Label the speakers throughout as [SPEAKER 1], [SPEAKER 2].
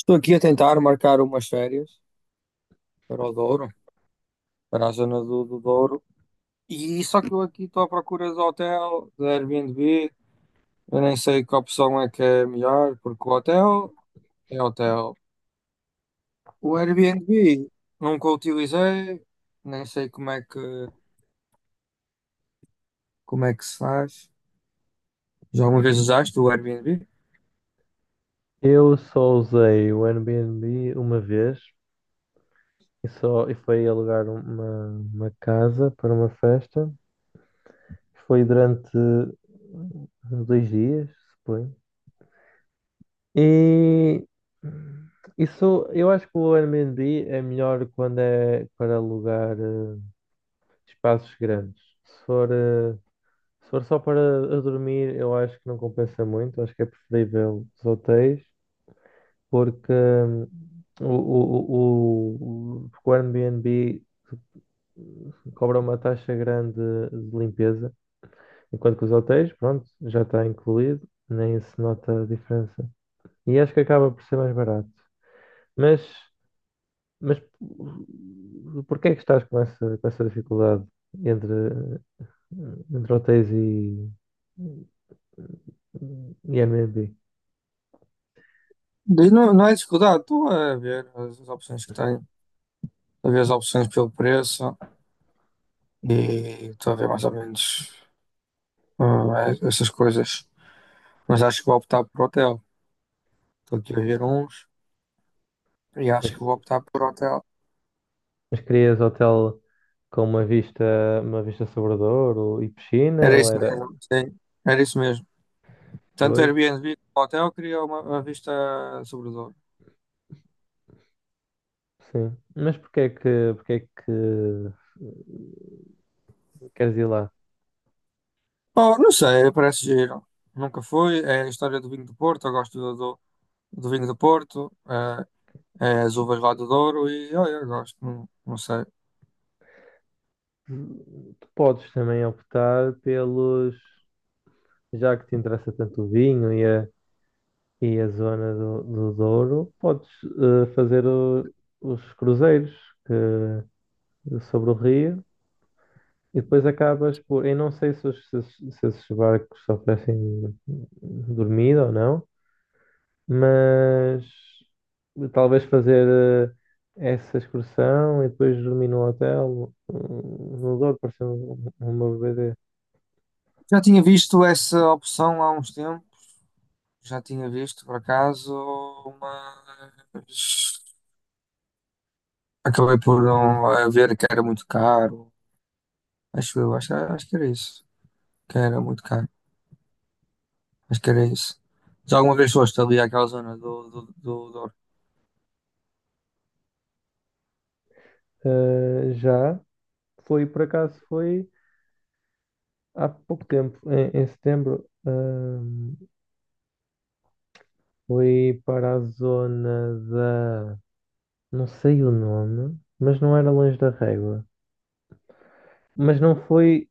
[SPEAKER 1] Estou aqui a tentar marcar umas férias para o Douro, para a zona do Douro. E só que eu aqui estou à procura de hotel, de Airbnb. Eu nem sei que opção é que é melhor, porque o hotel é hotel. O Airbnb nunca utilizei, nem sei como é que se faz. Já alguma vez usaste o Airbnb?
[SPEAKER 2] Eu só usei o Airbnb uma vez e só e foi alugar uma casa para uma festa. Foi durante uns dois dias, suponho. E isso, eu acho que o Airbnb é melhor quando é para alugar espaços grandes. Se for, se for só para a dormir, eu acho que não compensa muito. Acho que é preferível os hotéis, porque porque o Airbnb cobra uma taxa grande de limpeza, enquanto que os hotéis, pronto, já está incluído, nem se nota a diferença. E acho que acaba por ser mais barato. Mas, mas porquê é que estás com com essa dificuldade entre, entre hotéis e Airbnb?
[SPEAKER 1] Daí Não, não é dificuldade, estou a ver as opções que tenho, a ver as opções pelo preço e estou a ver mais ou menos essas coisas. Mas acho que vou optar por hotel. Estou aqui a ver uns e acho
[SPEAKER 2] Mas,
[SPEAKER 1] que vou optar por hotel.
[SPEAKER 2] mas querias hotel com uma uma vista sobre o Douro e piscina,
[SPEAKER 1] Era
[SPEAKER 2] ou
[SPEAKER 1] isso
[SPEAKER 2] era?
[SPEAKER 1] mesmo, sim. Era isso mesmo. Tanto
[SPEAKER 2] Pois,
[SPEAKER 1] Airbnb como hotel queria uma vista sobre o Douro.
[SPEAKER 2] sim. Mas porque é que queres ir lá?
[SPEAKER 1] Oh, não sei, parece giro. Nunca fui. É a história do vinho do Porto. Eu gosto do vinho do Porto. É, é as uvas lá do Douro e olha, eu gosto. Não, não sei.
[SPEAKER 2] Tu podes também optar já que te interessa tanto o vinho e a zona do Douro, podes fazer os cruzeiros que- sobre o rio e depois acabas por... Eu não sei se esses barcos oferecem dormida ou não, mas talvez fazer essa excursão e depois dormir no hotel, no no Douro, pareceu uma BD.
[SPEAKER 1] Já tinha visto essa opção há uns tempos. Já tinha visto, por acaso, mas acabei por não ver que era muito caro. Acho eu, acho, acho que era isso. Que era muito caro. Acho que era isso. Já alguma vez foste ali àquela zona do Douro?
[SPEAKER 2] Já foi, por acaso, foi há pouco tempo, em setembro. Fui para a zona da... não sei o nome, mas não era longe da Régua. Mas não foi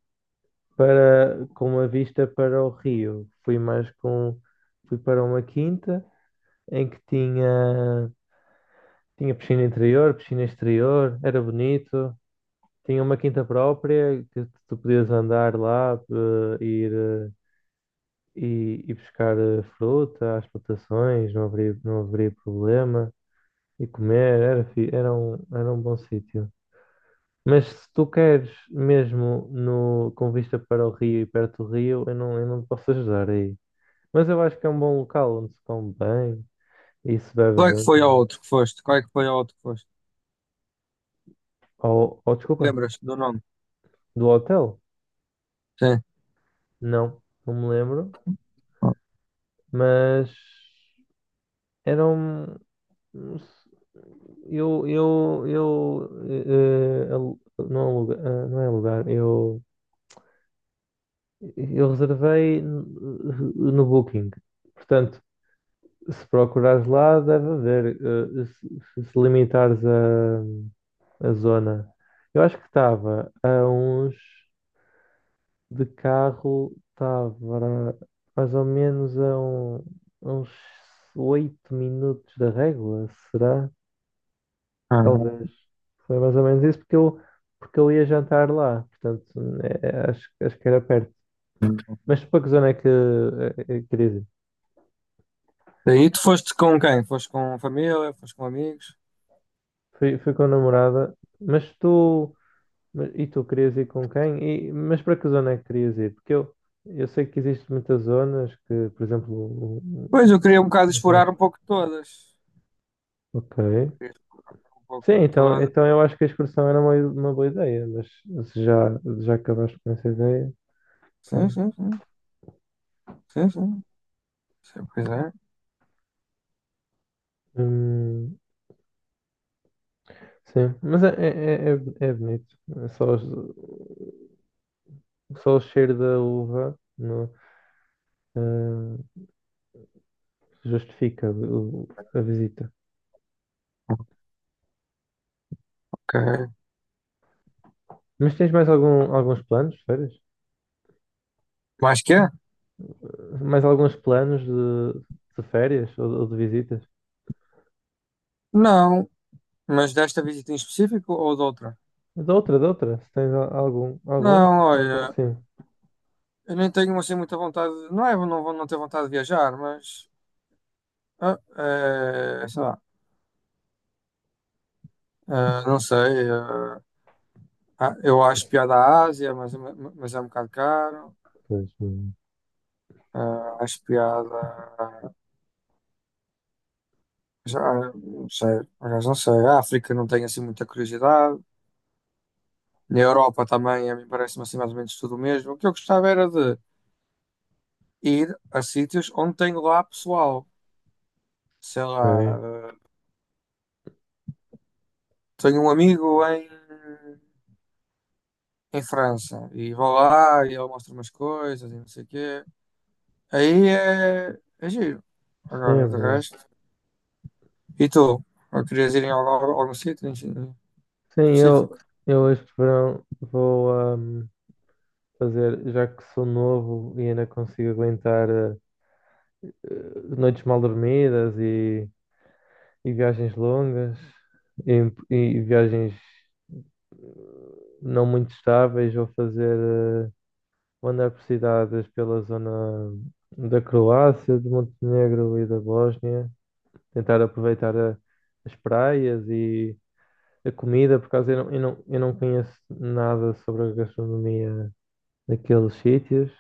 [SPEAKER 2] para com uma vista para o rio, fui mais fui para uma quinta em que tinha... Tinha piscina interior, piscina exterior, era bonito. Tinha uma quinta própria que tu podias andar lá, eh, ir, eh, e buscar fruta às plantações, não haveria problema. E comer, era era um bom sítio. Mas se tu queres mesmo no, com vista para o rio e perto do rio, eu não te posso ajudar aí. Mas eu acho que é um bom local onde se come bem e se bebe
[SPEAKER 1] Qual é que
[SPEAKER 2] bem
[SPEAKER 1] foi ao
[SPEAKER 2] também.
[SPEAKER 1] outro que foste? Qual é que foi ao outro que foste?
[SPEAKER 2] Ou desculpa,
[SPEAKER 1] Lembras do nome?
[SPEAKER 2] do hotel?
[SPEAKER 1] Sim.
[SPEAKER 2] Não me lembro, mas era um... alu-, não, aluga, não é alugar, eu reservei no Booking. Portanto, se procurares lá, deve haver. Se limitares a zona, eu acho que estava a uns... de carro, estava mais ou menos a uns 8 minutos da Régua, será?
[SPEAKER 1] Ah.
[SPEAKER 2] Talvez. Foi mais ou menos isso porque eu ia jantar lá. Portanto, acho que era perto. Mas para que zona é querias ir?
[SPEAKER 1] Daí Tu foste com quem? Foste com família? Foste com amigos?
[SPEAKER 2] Fui com a namorada. Mas tu... E tu querias ir com quem? Mas para que zona é que querias ir? Eu sei que existem muitas zonas que, por exemplo,
[SPEAKER 1] Pois, eu
[SPEAKER 2] o-
[SPEAKER 1] queria um bocado
[SPEAKER 2] não
[SPEAKER 1] explorar um
[SPEAKER 2] são-
[SPEAKER 1] pouco de todas.
[SPEAKER 2] ok.
[SPEAKER 1] Queria explorar um pouco
[SPEAKER 2] Sim,
[SPEAKER 1] de
[SPEAKER 2] então,
[SPEAKER 1] todas.
[SPEAKER 2] então eu acho que a excursão era uma boa ideia. Mas se já, já acabaste com essa ideia,
[SPEAKER 1] Sim,
[SPEAKER 2] pronto.
[SPEAKER 1] sim, sim. Sim, sim. Sim, pois é.
[SPEAKER 2] Hum, Sim, mas é é bonito. É Só, só o cheiro da uva eh, justifica a visita.
[SPEAKER 1] Ok.
[SPEAKER 2] Mas tens mais algum, alguns planos de férias?
[SPEAKER 1] Mais que é?
[SPEAKER 2] Mais alguns planos de férias ou de visitas?
[SPEAKER 1] Não. Mas desta visita em específico ou de outra?
[SPEAKER 2] Da outra, da outra. Se tens algum, algum?
[SPEAKER 1] Não, olha.
[SPEAKER 2] Próximo.
[SPEAKER 1] Eu nem tenho assim muita vontade, não é, não vou não ter vontade de viajar, mas sei lá, não sei, ah, eu acho piada à Ásia, mas é um bocado caro.
[SPEAKER 2] Pois,
[SPEAKER 1] Ah, acho piada, já, não sei, por acaso não sei, a África não tenho assim muita curiosidade, na Europa também, a mim parece-me assim mais ou menos tudo o mesmo. O que eu gostava era de ir a sítios onde tenho lá pessoal, sei lá,
[SPEAKER 2] ok.
[SPEAKER 1] ah, tenho um amigo em França. E vou lá e ele mostra umas coisas e não sei o quê. Aí é, é giro.
[SPEAKER 2] Sim, é
[SPEAKER 1] Agora, de
[SPEAKER 2] verdade.
[SPEAKER 1] resto. E tu? Ou querias ir em algum, algum sítio em
[SPEAKER 2] Sim,
[SPEAKER 1] específico?
[SPEAKER 2] eu, eu este verão vou fazer, já que sou novo e ainda consigo aguentar, noites mal dormidas e viagens longas e, e viagens não muito estáveis. Vou fazer eh, andar por cidades pela zona da Croácia, de Montenegro e da Bósnia, tentar aproveitar as praias e a comida, por causa... eu não conheço nada sobre a gastronomia daqueles sítios.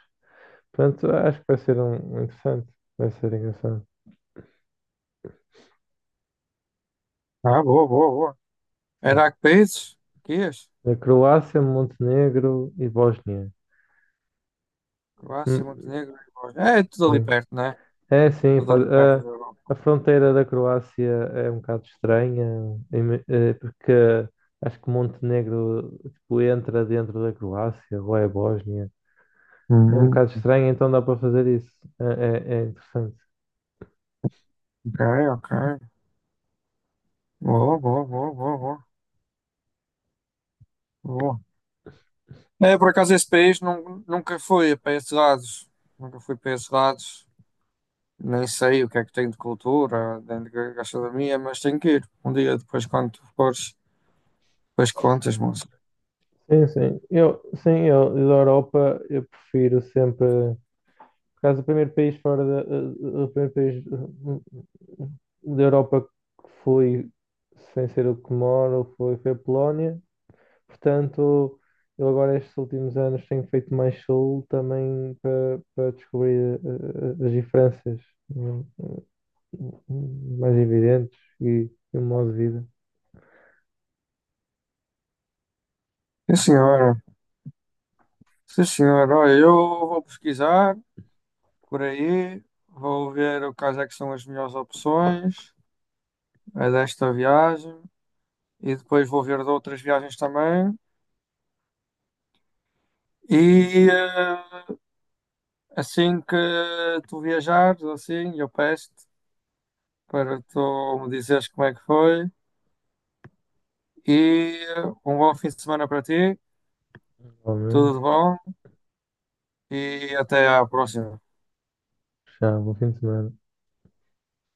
[SPEAKER 2] Portanto, acho que vai ser um interessante, vai ser engraçado.
[SPEAKER 1] Ah, boa, boa, boa. Era
[SPEAKER 2] Sim.
[SPEAKER 1] a que países? Que ias?
[SPEAKER 2] A Croácia, Montenegro e Bósnia.
[SPEAKER 1] Croácia,
[SPEAKER 2] Hum,
[SPEAKER 1] Montenegro. É tudo ali
[SPEAKER 2] hum.
[SPEAKER 1] perto, né?
[SPEAKER 2] É, sim,
[SPEAKER 1] Tudo ali perto da Europa.
[SPEAKER 2] a fronteira da Croácia é um bocado estranha, porque acho que Montenegro, tipo, entra dentro da Croácia, ou é Bósnia. É um
[SPEAKER 1] Uhum.
[SPEAKER 2] bocado estranho, então dá para fazer isso. É interessante.
[SPEAKER 1] Ok, ok. Boa, boa, boa, boa, boa. Boa. É, por acaso esse país nun- nunca fui para esses lados. Nunca fui para esses lados. Nem sei o que é que tem de cultura dentro da gastronomia, mas tenho que ir. Um dia depois, quando tu fores, depois contas, moça.
[SPEAKER 2] Sim, sim. Da Europa, eu prefiro sempre. Por causa do primeiro país fora da... o primeiro país da Europa que fui, sem ser o que moro, foi a Polónia. Portanto, eu agora estes últimos anos tenho feito mais soul também para descobrir as diferenças hum, mais evidentes e o modo de vida.
[SPEAKER 1] Sim, senhora. Sim, senhora. Olha, eu vou pesquisar por aí, vou ver o quais é que são as melhores opções a desta viagem e depois vou ver de outras viagens também. E assim que tu viajares, assim, eu peço-te para tu me dizeres como é que foi. E um bom fim de semana para ti. Tudo de
[SPEAKER 2] Normalmente,
[SPEAKER 1] bom. E até a próxima.
[SPEAKER 2] já, bom fim de semana.